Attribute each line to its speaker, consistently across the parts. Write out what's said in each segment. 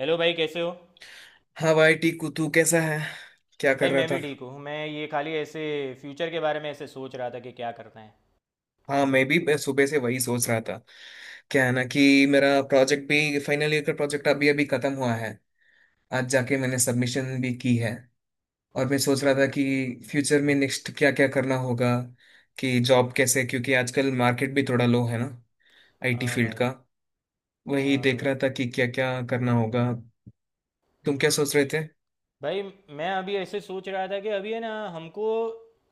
Speaker 1: Hello भाई, कैसे हो?
Speaker 2: हाँ भाई टीकू, तू कैसा है? क्या
Speaker 1: भाई,
Speaker 2: कर रहा
Speaker 1: मैं
Speaker 2: था?
Speaker 1: भी ठीक हूँ। मैं ये खाली ऐसे फ्यूचर के बारे में ऐसे सोच रहा था कि क्या करना है।
Speaker 2: हाँ, मैं भी। मैं सुबह से वही सोच रहा था। क्या है ना कि मेरा प्रोजेक्ट भी, फाइनल ईयर का प्रोजेक्ट अभी अभी खत्म हुआ है। आज जाके मैंने सबमिशन भी की है। और मैं सोच रहा था कि फ्यूचर में नेक्स्ट क्या क्या करना होगा, कि जॉब कैसे, क्योंकि आजकल मार्केट भी थोड़ा लो है ना, आईटी
Speaker 1: हाँ
Speaker 2: फील्ड
Speaker 1: भाई।
Speaker 2: का। वही
Speaker 1: हाँ
Speaker 2: देख
Speaker 1: भाई।
Speaker 2: रहा था कि क्या क्या करना होगा। तुम क्या
Speaker 1: हम्म।
Speaker 2: सोच रहे थे?
Speaker 1: भाई, मैं अभी ऐसे सोच रहा था कि अभी है ना हमको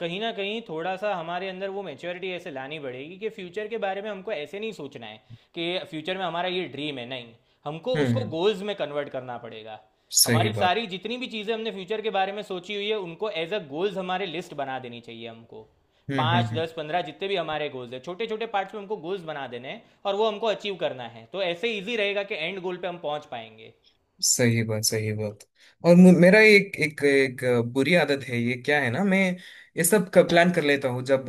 Speaker 1: कहीं ना कहीं थोड़ा सा हमारे अंदर वो मेच्योरिटी ऐसे लानी पड़ेगी कि फ्यूचर के बारे में हमको ऐसे नहीं सोचना है कि फ्यूचर में हमारा ये ड्रीम है। नहीं, हमको
Speaker 2: हम्म,
Speaker 1: उसको
Speaker 2: हम्म।
Speaker 1: गोल्स में कन्वर्ट करना पड़ेगा।
Speaker 2: सही
Speaker 1: हमारी
Speaker 2: बात।
Speaker 1: सारी जितनी भी चीज़ें हमने फ्यूचर के बारे में सोची हुई है उनको एज अ गोल्स हमारे लिस्ट बना देनी चाहिए हमको।
Speaker 2: हम्म, हम्म,
Speaker 1: पाँच, 10, 15, जितने भी हमारे गोल्स है, छोटे छोटे पार्ट्स में हमको गोल्स बना देने हैं और वो हमको अचीव करना है, तो ऐसे इजी रहेगा कि एंड गोल पे हम पहुंच पाएंगे।
Speaker 2: सही बात। सही बात। और मेरा एक एक एक बुरी आदत है, ये क्या है ना, मैं ये सब का प्लान कर लेता हूँ। जब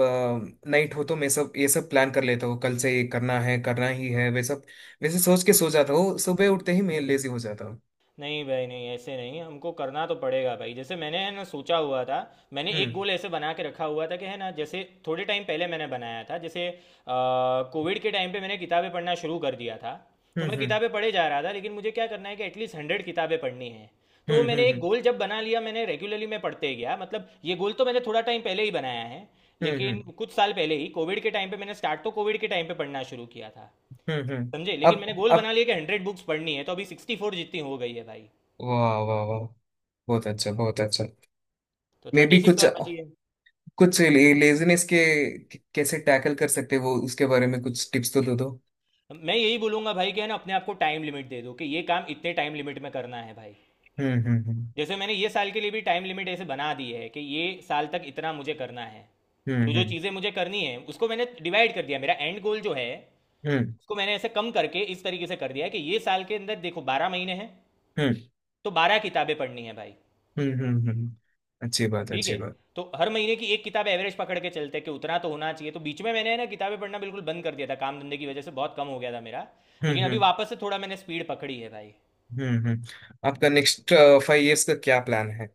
Speaker 2: नाइट हो तो मैं सब, ये सब प्लान कर लेता हूँ, कल से ये करना है, करना ही है, वे सब वैसे सोच के सो जाता हूँ। सुबह उठते ही मैं लेजी हो जाता हूँ।
Speaker 1: नहीं भाई, नहीं ऐसे नहीं, हमको करना तो पड़ेगा भाई। जैसे मैंने है ना सोचा हुआ था, मैंने एक
Speaker 2: हम्म,
Speaker 1: गोल ऐसे बना के रखा हुआ था कि है ना, जैसे थोड़े टाइम पहले मैंने बनाया था। जैसे कोविड के टाइम पे मैंने किताबें पढ़ना शुरू कर दिया था, तो मैं
Speaker 2: हम्म,
Speaker 1: किताबें पढ़े जा रहा था। लेकिन मुझे क्या करना है कि एटलीस्ट 100 किताबें पढ़नी है। तो वो
Speaker 2: हम्म,
Speaker 1: मैंने
Speaker 2: हम्म,
Speaker 1: एक
Speaker 2: हम्म,
Speaker 1: गोल जब बना लिया, मैंने रेगुलरली मैं पढ़ते गया। मतलब ये गोल तो मैंने थोड़ा टाइम पहले ही बनाया है,
Speaker 2: हम्म,
Speaker 1: लेकिन
Speaker 2: हम्म,
Speaker 1: कुछ साल पहले ही कोविड के टाइम पे मैंने स्टार्ट, तो कोविड के टाइम पे पढ़ना शुरू किया था।
Speaker 2: हम्म, हम्म।
Speaker 1: समझे, लेकिन मैंने
Speaker 2: अब
Speaker 1: गोल
Speaker 2: अब
Speaker 1: बना लिया कि 100 बुक्स पढ़नी है, तो अभी 64 जितनी हो गई है भाई।
Speaker 2: वाह वाह वाह, बहुत अच्छा, बहुत अच्छा।
Speaker 1: तो
Speaker 2: मे
Speaker 1: थर्टी
Speaker 2: भी
Speaker 1: सिक्स
Speaker 2: कुछ,
Speaker 1: और बची है।
Speaker 2: कुछ लेजीनेस के कैसे टैकल कर सकते हैं, वो उसके बारे में कुछ टिप्स तो दे दो।
Speaker 1: मैं यही बोलूंगा भाई कि है ना, अपने आप को टाइम लिमिट दे दो कि ये काम इतने टाइम लिमिट में करना है भाई।
Speaker 2: हम्म, हम्म, हम्म,
Speaker 1: जैसे मैंने ये साल के लिए भी टाइम लिमिट ऐसे बना दी है कि ये साल तक इतना मुझे करना है।
Speaker 2: हम्म,
Speaker 1: जो जो
Speaker 2: हम्म,
Speaker 1: चीज़ें मुझे करनी है उसको मैंने डिवाइड कर दिया। मेरा एंड गोल जो है
Speaker 2: हम्म,
Speaker 1: उसको मैंने ऐसे कम करके इस तरीके से कर दिया है कि ये साल के अंदर देखो 12 महीने हैं,
Speaker 2: हम्म,
Speaker 1: तो 12 किताबें पढ़नी है भाई।
Speaker 2: हम्म, हम्म, हम्म। अच्छी बात।
Speaker 1: ठीक है,
Speaker 2: अच्छी बात।
Speaker 1: तो हर महीने की एक किताब एवरेज पकड़ के चलते हैं कि उतना तो होना चाहिए। तो बीच में मैंने है ना किताबें पढ़ना बिल्कुल बंद कर दिया था, काम धंधे की वजह से बहुत कम हो गया था मेरा। लेकिन
Speaker 2: हम्म,
Speaker 1: अभी
Speaker 2: हम्म,
Speaker 1: वापस से थोड़ा मैंने स्पीड पकड़ी है भाई।
Speaker 2: हम्म, हम्म। आपका नेक्स्ट फाइव इयर्स का क्या प्लान है?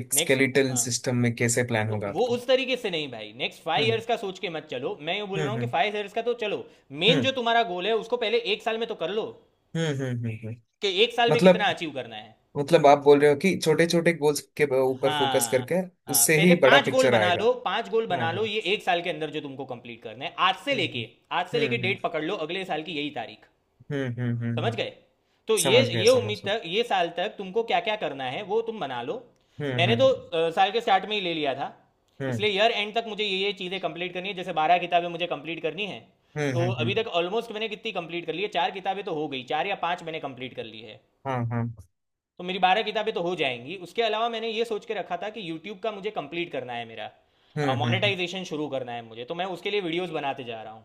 Speaker 2: एक
Speaker 1: नेक्स्ट,
Speaker 2: स्केलेटल
Speaker 1: हाँ,
Speaker 2: सिस्टम में कैसे प्लान
Speaker 1: तो
Speaker 2: होगा
Speaker 1: वो
Speaker 2: आपका?
Speaker 1: उस तरीके से नहीं भाई, नेक्स्ट फाइव
Speaker 2: हम्म,
Speaker 1: इयर्स का सोच के मत चलो। मैं ये बोल
Speaker 2: हम्म,
Speaker 1: रहा हूँ कि
Speaker 2: हम्म,
Speaker 1: फाइव इयर्स का तो चलो, मेन
Speaker 2: हम्म,
Speaker 1: जो तुम्हारा गोल है उसको पहले एक साल में तो कर लो,
Speaker 2: हम्म, हम्म, हम्म। हम्म।
Speaker 1: कि एक साल में
Speaker 2: मतलब
Speaker 1: कितना अचीव करना है।
Speaker 2: मतलब आप बोल रहे हो कि छोटे छोटे गोल्स के ऊपर फोकस
Speaker 1: हाँ,
Speaker 2: करके
Speaker 1: हाँ,
Speaker 2: उससे
Speaker 1: पहले
Speaker 2: ही बड़ा
Speaker 1: पांच गोल
Speaker 2: पिक्चर
Speaker 1: बना
Speaker 2: आएगा।
Speaker 1: लो। पांच गोल
Speaker 2: हाँ,
Speaker 1: बना लो,
Speaker 2: हाँ।
Speaker 1: ये एक साल के अंदर जो तुमको कंप्लीट करना है आज से
Speaker 2: हम्म,
Speaker 1: लेके।
Speaker 2: हम्म,
Speaker 1: आज से लेके
Speaker 2: हम्म, हम्म,
Speaker 1: डेट पकड़ लो, अगले साल की यही तारीख।
Speaker 2: हम्म, हम्म, हम्म।
Speaker 1: समझ
Speaker 2: हम्म।
Speaker 1: गए। तो
Speaker 2: समझ गया।
Speaker 1: ये
Speaker 2: समझ
Speaker 1: उम्मीद
Speaker 2: गया।
Speaker 1: तक, ये साल तक तुमको क्या क्या करना है वो तुम बना लो।
Speaker 2: हम्म,
Speaker 1: मैंने तो
Speaker 2: हम्म,
Speaker 1: साल के स्टार्ट में ही ले लिया था।
Speaker 2: हम्म,
Speaker 1: इसलिए ईयर एंड तक मुझे ये चीज़ें कंप्लीट करनी है, जैसे 12 किताबें मुझे कंप्लीट करनी है।
Speaker 2: हम्म,
Speaker 1: तो
Speaker 2: हम्म,
Speaker 1: अभी
Speaker 2: हम्म।
Speaker 1: तक ऑलमोस्ट मैंने कितनी कंप्लीट कर ली है, चार किताबें तो हो गई, चार या पांच मैंने कंप्लीट कर ली है।
Speaker 2: हाँ, हाँ।
Speaker 1: तो मेरी बारह किताबें तो हो जाएंगी। उसके अलावा मैंने ये सोच के रखा था कि यूट्यूब का मुझे कंप्लीट करना है,
Speaker 2: हम्म,
Speaker 1: मेरा
Speaker 2: हम्म,
Speaker 1: मोनेटाइजेशन शुरू करना है मुझे, तो मैं उसके लिए वीडियोस बनाते जा रहा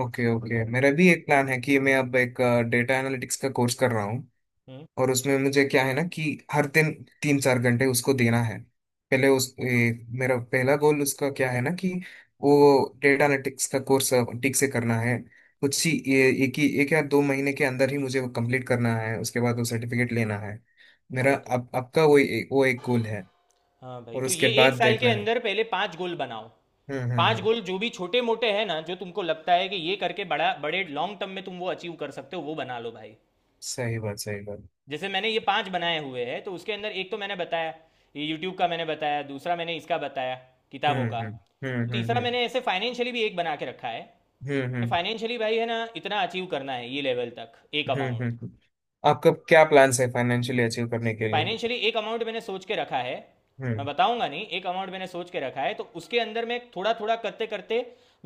Speaker 2: ओके, ओके, मेरा भी एक प्लान है कि मैं अब एक डेटा एनालिटिक्स का कोर्स कर रहा हूँ।
Speaker 1: हूँ।
Speaker 2: और उसमें मुझे क्या है ना कि हर दिन 3-4 घंटे उसको देना है। पहले उस मेरा पहला गोल उसका क्या है ना कि वो डेटा एनालिटिक्स का कोर्स ठीक से करना है। कुछ ही एक ही एक या दो महीने के अंदर ही मुझे वो कंप्लीट करना है, उसके बाद वो सर्टिफिकेट लेना है। मेरा
Speaker 1: ओके।
Speaker 2: अब आपका वो वो एक गोल है।
Speaker 1: हाँ भाई,
Speaker 2: और
Speaker 1: तो
Speaker 2: उसके
Speaker 1: ये
Speaker 2: बाद
Speaker 1: एक साल के
Speaker 2: देखना है।
Speaker 1: अंदर पहले पांच गोल बनाओ।
Speaker 2: हम्म, हम्म,
Speaker 1: पांच
Speaker 2: हम्म।
Speaker 1: गोल जो भी छोटे मोटे हैं ना, जो तुमको लगता है कि ये करके बड़ा, बड़े लॉन्ग टर्म में तुम वो अचीव कर सकते हो, वो बना लो भाई।
Speaker 2: सही बात। सही बात।
Speaker 1: जैसे मैंने ये पांच बनाए हुए हैं, तो उसके अंदर एक तो मैंने बताया, ये यूट्यूब का मैंने बताया, दूसरा मैंने इसका बताया किताबों
Speaker 2: हम्म,
Speaker 1: का।
Speaker 2: हम्म,
Speaker 1: तो
Speaker 2: हम्म, हम्म,
Speaker 1: तीसरा मैंने
Speaker 2: हम्म,
Speaker 1: ऐसे फाइनेंशियली भी एक बना के रखा है
Speaker 2: हम्म,
Speaker 1: कि
Speaker 2: हम्म,
Speaker 1: फाइनेंशियली भाई है ना, इतना अचीव करना है, ये लेवल तक, एक
Speaker 2: हम्म, हम्म,
Speaker 1: अमाउंट।
Speaker 2: आपका क्या प्लान्स है फाइनेंशियली अचीव करने के लिए?
Speaker 1: फाइनेंशियली एक अमाउंट मैंने सोच के रखा है। मैं
Speaker 2: हम्म,
Speaker 1: बताऊंगा नहीं, एक अमाउंट मैंने सोच के रखा है। तो उसके अंदर मैं थोड़ा थोड़ा करते करते,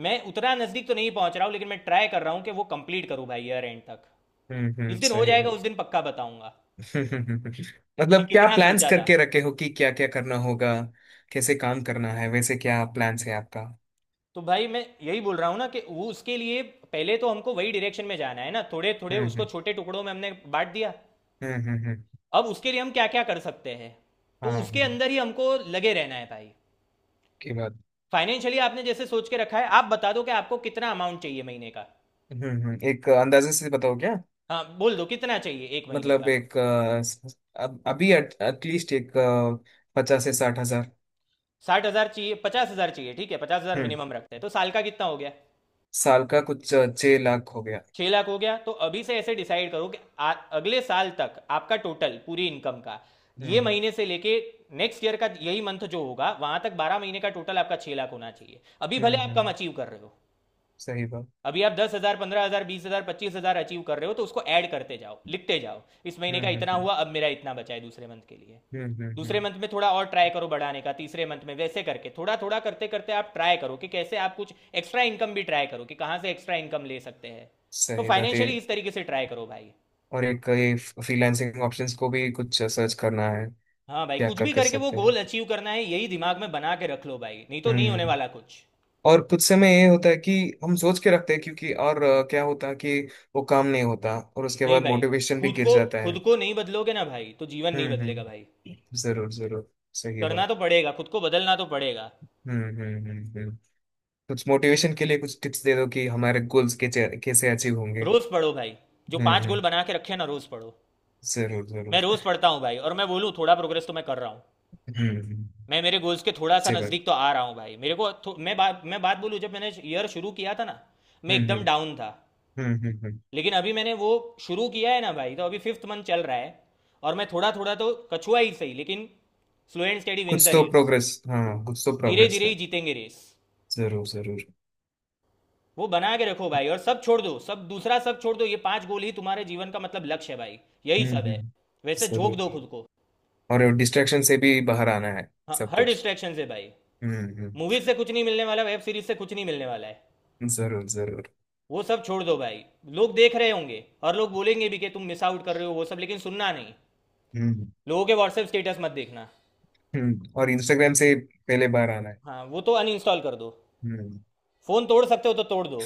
Speaker 1: मैं उतना नजदीक तो नहीं पहुंच रहा हूं, लेकिन मैं ट्राई कर रहा हूं कि वो कंप्लीट करूं भाई ईयर एंड तक।
Speaker 2: हम्म,
Speaker 1: जिस
Speaker 2: हम्म।
Speaker 1: दिन हो
Speaker 2: सही
Speaker 1: जाएगा
Speaker 2: है।
Speaker 1: उस दिन पक्का बताऊंगा कि
Speaker 2: मतलब क्या
Speaker 1: कितना
Speaker 2: प्लान्स
Speaker 1: सोचा था।
Speaker 2: करके रखे हो कि क्या क्या करना होगा, कैसे काम करना है, वैसे क्या प्लान्स है आपका?
Speaker 1: तो भाई मैं यही बोल रहा हूँ ना कि वो उसके लिए पहले तो हमको वही डायरेक्शन में जाना है ना, थोड़े थोड़े
Speaker 2: हम्म,
Speaker 1: उसको
Speaker 2: हम्म,
Speaker 1: छोटे टुकड़ों में हमने बांट दिया।
Speaker 2: हम्म, हम्म, हम्म।
Speaker 1: अब उसके लिए हम क्या क्या कर सकते हैं, तो
Speaker 2: हाँ,
Speaker 1: उसके
Speaker 2: हम्म।
Speaker 1: अंदर ही हमको लगे रहना है भाई।
Speaker 2: की बात।
Speaker 1: फाइनेंशियली आपने जैसे सोच के रखा है, आप बता दो कि आपको कितना अमाउंट चाहिए महीने का।
Speaker 2: हम्म, हम्म, एक अंदाजे से बताओ क्या?
Speaker 1: हाँ, बोल दो कितना चाहिए एक महीने
Speaker 2: मतलब
Speaker 1: का।
Speaker 2: एक अब अभी एटलीस्ट एक 50 से 60 हजार।
Speaker 1: 60,000 चाहिए, 50,000 चाहिए, ठीक है, 50,000
Speaker 2: हम्म।
Speaker 1: मिनिमम रखते हैं, तो साल का कितना हो गया?
Speaker 2: साल का कुछ 6 लाख हो गया।
Speaker 1: 6 लाख हो गया। तो अभी से ऐसे डिसाइड करो कि अगले साल तक आपका टोटल पूरी इनकम का
Speaker 2: हम्म,
Speaker 1: ये
Speaker 2: हम्म,
Speaker 1: महीने से लेके नेक्स्ट ईयर का यही मंथ जो होगा वहां तक 12 महीने का टोटल आपका 6 लाख होना चाहिए। अभी
Speaker 2: हम्म,
Speaker 1: भले आप कम
Speaker 2: हम्म।
Speaker 1: अचीव कर रहे हो।
Speaker 2: सही बात।
Speaker 1: अभी आप 10,000, 15,000, 20,000, 25,000 अचीव कर रहे हो, तो उसको ऐड करते जाओ, लिखते जाओ इस महीने का
Speaker 2: हम्म,
Speaker 1: इतना
Speaker 2: हम्म,
Speaker 1: हुआ, अब मेरा इतना बचा है दूसरे मंथ के लिए।
Speaker 2: हम्म, हम्म,
Speaker 1: दूसरे
Speaker 2: हम्म।
Speaker 1: मंथ में थोड़ा और ट्राई करो बढ़ाने का, तीसरे मंथ में वैसे करके थोड़ा थोड़ा करते करते आप ट्राई करो कि कैसे आप कुछ एक्स्ट्रा इनकम भी ट्राई करो कि कहाँ से एक्स्ट्रा इनकम ले सकते हैं। तो
Speaker 2: सही बात है।
Speaker 1: फाइनेंशियली इस तरीके से ट्राई करो भाई।
Speaker 2: और एक ये फ्रीलांसिंग ऑप्शंस को भी कुछ सर्च करना है।
Speaker 1: हाँ भाई,
Speaker 2: क्या
Speaker 1: कुछ
Speaker 2: कर
Speaker 1: भी
Speaker 2: कर
Speaker 1: करके वो
Speaker 2: सकते
Speaker 1: गोल
Speaker 2: हैं?
Speaker 1: अचीव करना है, यही दिमाग में बना के रख लो भाई, नहीं तो नहीं होने
Speaker 2: हम्म।
Speaker 1: वाला कुछ।
Speaker 2: और कुछ समय ये होता है कि हम सोच के रखते हैं, क्योंकि और क्या होता है कि वो काम नहीं होता और उसके
Speaker 1: नहीं
Speaker 2: बाद
Speaker 1: भाई,
Speaker 2: मोटिवेशन भी
Speaker 1: खुद
Speaker 2: गिर
Speaker 1: को,
Speaker 2: जाता
Speaker 1: खुद
Speaker 2: है।
Speaker 1: को नहीं बदलोगे ना भाई, तो जीवन नहीं
Speaker 2: हम्म,
Speaker 1: बदलेगा भाई।
Speaker 2: हम्म, जरूर, जरूर। सही
Speaker 1: करना
Speaker 2: बात।
Speaker 1: तो पड़ेगा, खुद को बदलना तो पड़ेगा।
Speaker 2: हम्म, हम्म, हम्म, कुछ मोटिवेशन के लिए कुछ टिप्स दे दो कि हमारे गोल्स के कैसे अचीव होंगे?
Speaker 1: रोज पढ़ो भाई। जो
Speaker 2: हम्म,
Speaker 1: पांच गोल
Speaker 2: हम्म।
Speaker 1: बना के रखे ना, रोज पढ़ो।
Speaker 2: जरूर,
Speaker 1: मैं
Speaker 2: जरूर।
Speaker 1: रोज पढ़ता हूँ भाई, और मैं बोलूँ थोड़ा प्रोग्रेस तो मैं कर रहा हूँ।
Speaker 2: हम्म, हम्म।
Speaker 1: मैं मेरे गोल्स के थोड़ा सा
Speaker 2: अच्छी बात।
Speaker 1: नज़दीक तो आ रहा हूँ भाई। मेरे को मैं बात, बोलूँ, जब मैंने ईयर शुरू किया था ना, मैं
Speaker 2: हम्म,
Speaker 1: एकदम
Speaker 2: हम्म,
Speaker 1: डाउन था।
Speaker 2: हम्म, हम्म,
Speaker 1: लेकिन अभी मैंने वो शुरू किया है ना भाई, तो अभी फिफ्थ मंथ चल रहा है, और मैं थोड़ा थोड़ा तो कछुआ ही सही, लेकिन slow and steady wins the
Speaker 2: कुछ तो
Speaker 1: रेस।
Speaker 2: प्रोग्रेस, हाँ, कुछ तो
Speaker 1: धीरे
Speaker 2: प्रोग्रेस
Speaker 1: धीरे ही
Speaker 2: है।
Speaker 1: जीतेंगे रेस।
Speaker 2: जरूर, जरूर।
Speaker 1: वो बना के रखो भाई और सब छोड़ दो, सब दूसरा सब छोड़ दो, ये पांच गोल ही तुम्हारे जीवन का मतलब लक्ष्य है भाई। यही
Speaker 2: हम्म,
Speaker 1: सब है।
Speaker 2: हम्म।
Speaker 1: वैसे झोंक
Speaker 2: जरूर।
Speaker 1: दो खुद को।
Speaker 2: और डिस्ट्रैक्शन से भी बाहर आना है।
Speaker 1: हाँ,
Speaker 2: सब
Speaker 1: हर
Speaker 2: कुछ।
Speaker 1: डिस्ट्रैक्शन से भाई।
Speaker 2: हम्म, हम्म।
Speaker 1: मूवीज से कुछ नहीं मिलने वाला, वेब सीरीज से कुछ नहीं मिलने वाला है।
Speaker 2: जरूर, जरूर।
Speaker 1: वो सब छोड़ दो भाई। लोग देख रहे होंगे और लोग बोलेंगे भी कि तुम मिस आउट कर रहे हो वो सब, लेकिन सुनना नहीं।
Speaker 2: हम्म,
Speaker 1: लोगों के व्हाट्सएप स्टेटस मत देखना।
Speaker 2: हम्म। और इंस्टाग्राम से पहले बाहर आना है।
Speaker 1: हाँ, वो तो अनइंस्टॉल कर दो।
Speaker 2: हम्म।
Speaker 1: फ़ोन तोड़ सकते हो तो तोड़ दो।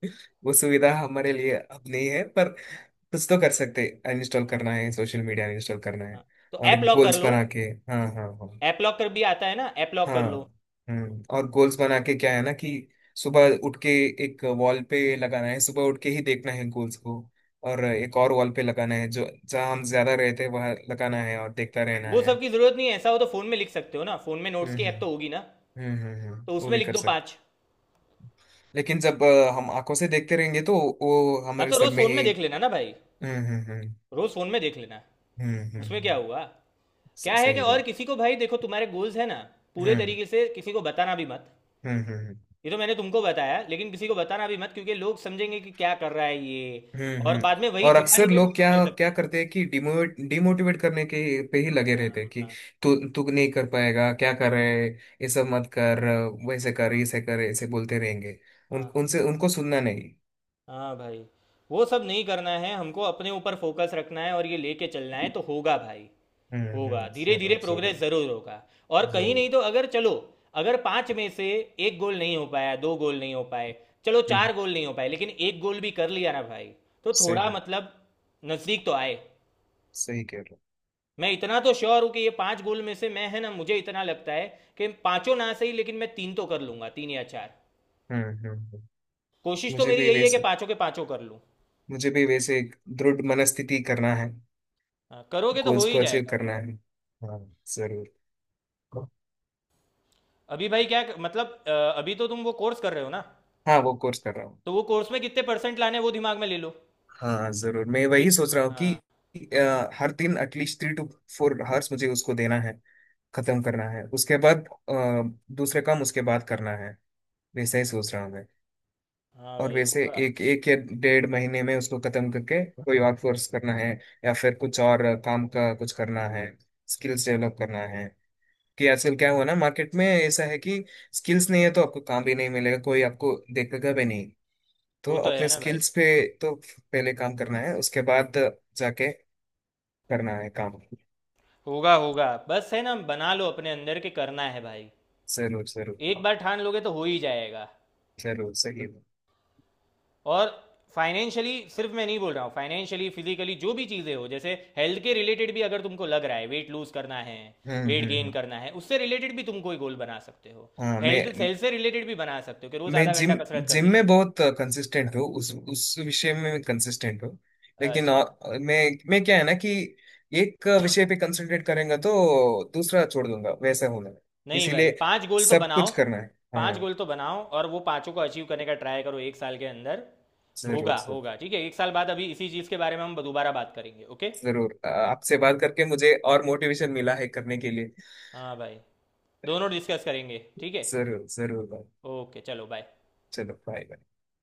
Speaker 2: वो सुविधा हमारे लिए अब नहीं है, पर कुछ तो कर सकते, अनइंस्टॉल
Speaker 1: हाँ
Speaker 2: करना है,
Speaker 1: भाई।
Speaker 2: सोशल मीडिया अनइंस्टॉल करना है
Speaker 1: हाँ, तो
Speaker 2: और
Speaker 1: ऐप लॉक कर
Speaker 2: गोल्स
Speaker 1: लो।
Speaker 2: बना के। हाँ, हाँ, हाँ।
Speaker 1: ऐप लॉक कर भी आता है ना, ऐप लॉक
Speaker 2: हाँ।
Speaker 1: कर लो।
Speaker 2: हम्म, और गोल्स बना के क्या है ना कि सुबह उठ के एक वॉल पे लगाना है, सुबह उठ के ही देखना है गोल्स को। और एक और वॉल पे लगाना है जो जहाँ हम ज्यादा रहते हैं वहाँ लगाना है और देखता रहना
Speaker 1: वो
Speaker 2: है।
Speaker 1: सब की ज़रूरत नहीं है, ऐसा हो तो फ़ोन में लिख सकते हो ना, फ़ोन में नोट्स
Speaker 2: हम्म,
Speaker 1: की ऐप
Speaker 2: हम्म,
Speaker 1: तो होगी ना,
Speaker 2: हम्म, हम्म, हम्म।
Speaker 1: तो
Speaker 2: वो
Speaker 1: उसमें
Speaker 2: भी
Speaker 1: लिख
Speaker 2: कर
Speaker 1: दो
Speaker 2: सकते
Speaker 1: पाँच।
Speaker 2: हैं। लेकिन जब हम आंखों से देखते रहेंगे तो वो
Speaker 1: हाँ,
Speaker 2: हमारे
Speaker 1: तो
Speaker 2: सर
Speaker 1: रोज़
Speaker 2: में
Speaker 1: फ़ोन में
Speaker 2: ही।
Speaker 1: देख लेना ना भाई।
Speaker 2: हम्म, हम्म, हम्म,
Speaker 1: रोज़ फ़ोन में देख लेना।
Speaker 2: हम्म, हम्म,
Speaker 1: उसमें क्या हुआ? क्या है कि,
Speaker 2: सही
Speaker 1: और
Speaker 2: बात।
Speaker 1: किसी को, भाई देखो, तुम्हारे गोल्स है ना, पूरे
Speaker 2: हम्म,
Speaker 1: तरीके से किसी को बताना भी मत।
Speaker 2: हम्म, हम्म,
Speaker 1: ये तो मैंने तुमको बताया, लेकिन किसी को बताना भी मत, क्योंकि लोग समझेंगे कि क्या कर रहा है ये।
Speaker 2: हम्म,
Speaker 1: और
Speaker 2: हम्म।
Speaker 1: बाद में वही
Speaker 2: और
Speaker 1: चिढ़ाने
Speaker 2: अक्सर
Speaker 1: के लिए भी
Speaker 2: लोग
Speaker 1: यूज
Speaker 2: क्या
Speaker 1: कर सकते
Speaker 2: क्या
Speaker 1: हैं।
Speaker 2: करते हैं कि डिमोटिवेट डिमोटिवेट करने के पे ही लगे
Speaker 1: हाँ।
Speaker 2: रहते हैं कि
Speaker 1: हाँ।
Speaker 2: तू तू नहीं कर पाएगा, क्या कर रहे है, ये सब मत कर, वैसे कर, ऐसे कर, ऐसे बोलते रहेंगे। उन
Speaker 1: हाँ,
Speaker 2: उनसे उनको सुनना नहीं।
Speaker 1: हाँ भाई, वो सब नहीं करना है, हमको अपने ऊपर फोकस रखना है और ये लेके चलना है, तो होगा भाई।
Speaker 2: हम्म,
Speaker 1: होगा,
Speaker 2: हम्म।
Speaker 1: धीरे धीरे
Speaker 2: जरूर,
Speaker 1: प्रोग्रेस
Speaker 2: जरूर,
Speaker 1: ज़रूर होगा। और कहीं
Speaker 2: जरूर।
Speaker 1: नहीं तो, अगर चलो, अगर पाँच में से एक गोल नहीं हो पाया, दो गोल नहीं हो पाए, चलो
Speaker 2: हम्म।
Speaker 1: चार गोल नहीं हो पाए, लेकिन एक गोल भी कर लिया ना भाई, तो
Speaker 2: सही
Speaker 1: थोड़ा
Speaker 2: है,
Speaker 1: मतलब नज़दीक तो आए।
Speaker 2: सही कह रहे
Speaker 1: मैं इतना तो श्योर हूं कि ये पांच गोल में से मैं है ना, मुझे इतना लगता है कि पांचों ना सही, लेकिन मैं तीन तो कर लूंगा, तीन या चार।
Speaker 2: हो। हम्म, हम्म,
Speaker 1: कोशिश तो
Speaker 2: मुझे
Speaker 1: मेरी
Speaker 2: भी
Speaker 1: यही है कि
Speaker 2: वैसे
Speaker 1: पांचों के पांचों कर लूं।
Speaker 2: मुझे भी वैसे एक दृढ़ मनस्थिति करना है,
Speaker 1: हाँ, करोगे तो हो
Speaker 2: गोल्स
Speaker 1: ही
Speaker 2: को अचीव
Speaker 1: जाएगा।
Speaker 2: करना है। हाँ। जरूर।
Speaker 1: अभी भाई क्या मतलब अभी तो तुम वो कोर्स कर रहे हो ना,
Speaker 2: हाँ, वो कोर्स कर रहा हूँ।
Speaker 1: तो वो कोर्स में कितने परसेंट लाने हैं, वो दिमाग में ले लो।
Speaker 2: हाँ, जरूर, मैं
Speaker 1: कि-
Speaker 2: वही सोच रहा हूँ कि
Speaker 1: हाँ।
Speaker 2: हर दिन एटलीस्ट 3 to 4 आवर्स मुझे उसको देना है, खत्म करना है, उसके बाद दूसरे काम उसके बाद करना है, वैसा ही सोच रहा हूँ मैं।
Speaker 1: हाँ
Speaker 2: और
Speaker 1: भाई,
Speaker 2: वैसे
Speaker 1: होगा।
Speaker 2: एक एक या डेढ़ महीने में उसको खत्म करके कोई आउटसोर्स करना है या फिर कुछ और काम का कुछ करना है, स्किल्स डेवलप करना है कि आजकल क्या हुआ ना मार्केट में ऐसा है कि स्किल्स नहीं है तो आपको काम भी नहीं मिलेगा, कोई आपको देखेगा भी नहीं। तो
Speaker 1: वो तो है
Speaker 2: अपने
Speaker 1: ना भाई।
Speaker 2: स्किल्स पे तो पहले काम करना है उसके बाद जाके करना है काम।
Speaker 1: होगा, होगा, बस है ना, बना लो अपने अंदर के करना है भाई।
Speaker 2: जरूर,
Speaker 1: एक
Speaker 2: जरूर,
Speaker 1: बार ठान लोगे तो हो ही जाएगा।
Speaker 2: जरूर। सही है।
Speaker 1: और फाइनेंशियली, सिर्फ मैं नहीं बोल रहा हूँ, फाइनेंशियली, फिजिकली, जो भी चीज़ें हो, जैसे हेल्थ के रिलेटेड भी अगर तुमको लग रहा है, वेट लूज करना है,
Speaker 2: हम्म,
Speaker 1: वेट
Speaker 2: हम्म,
Speaker 1: गेन करना है, उससे रिलेटेड भी तुम कोई गोल बना सकते हो।
Speaker 2: हाँ,
Speaker 1: हेल्थ,
Speaker 2: मैं
Speaker 1: हेल्थ से रिलेटेड भी बना सकते हो कि रोज़
Speaker 2: मैं
Speaker 1: आधा
Speaker 2: जिम
Speaker 1: घंटा कसरत
Speaker 2: जिम
Speaker 1: करनी
Speaker 2: में
Speaker 1: है।
Speaker 2: बहुत कंसिस्टेंट हूँ, उस विषय में मैं कंसिस्टेंट हूँ। लेकिन
Speaker 1: अच्छा,
Speaker 2: मैं क्या है ना कि एक विषय पे कंसंट्रेट करेंगे तो दूसरा छोड़ दूंगा वैसा होना है।
Speaker 1: नहीं भाई,
Speaker 2: इसीलिए
Speaker 1: पांच गोल तो
Speaker 2: सब
Speaker 1: बनाओ।
Speaker 2: कुछ करना है।
Speaker 1: पांच
Speaker 2: हाँ।
Speaker 1: गोल तो बनाओ और वो पांचों को अचीव करने का ट्राई करो एक साल के अंदर।
Speaker 2: जरूर,
Speaker 1: होगा,
Speaker 2: जरूर,
Speaker 1: होगा, ठीक है, एक साल बाद अभी इसी चीज़ के बारे में हम दोबारा बात करेंगे, ओके।
Speaker 2: जरूर, आपसे बात करके मुझे और मोटिवेशन मिला है करने के लिए।
Speaker 1: हाँ भाई, दोनों डिस्कस करेंगे, ठीक है।
Speaker 2: जरूर, जरूर, भाई।
Speaker 1: ओके, चलो, बाय।
Speaker 2: चलो, बाय बाय।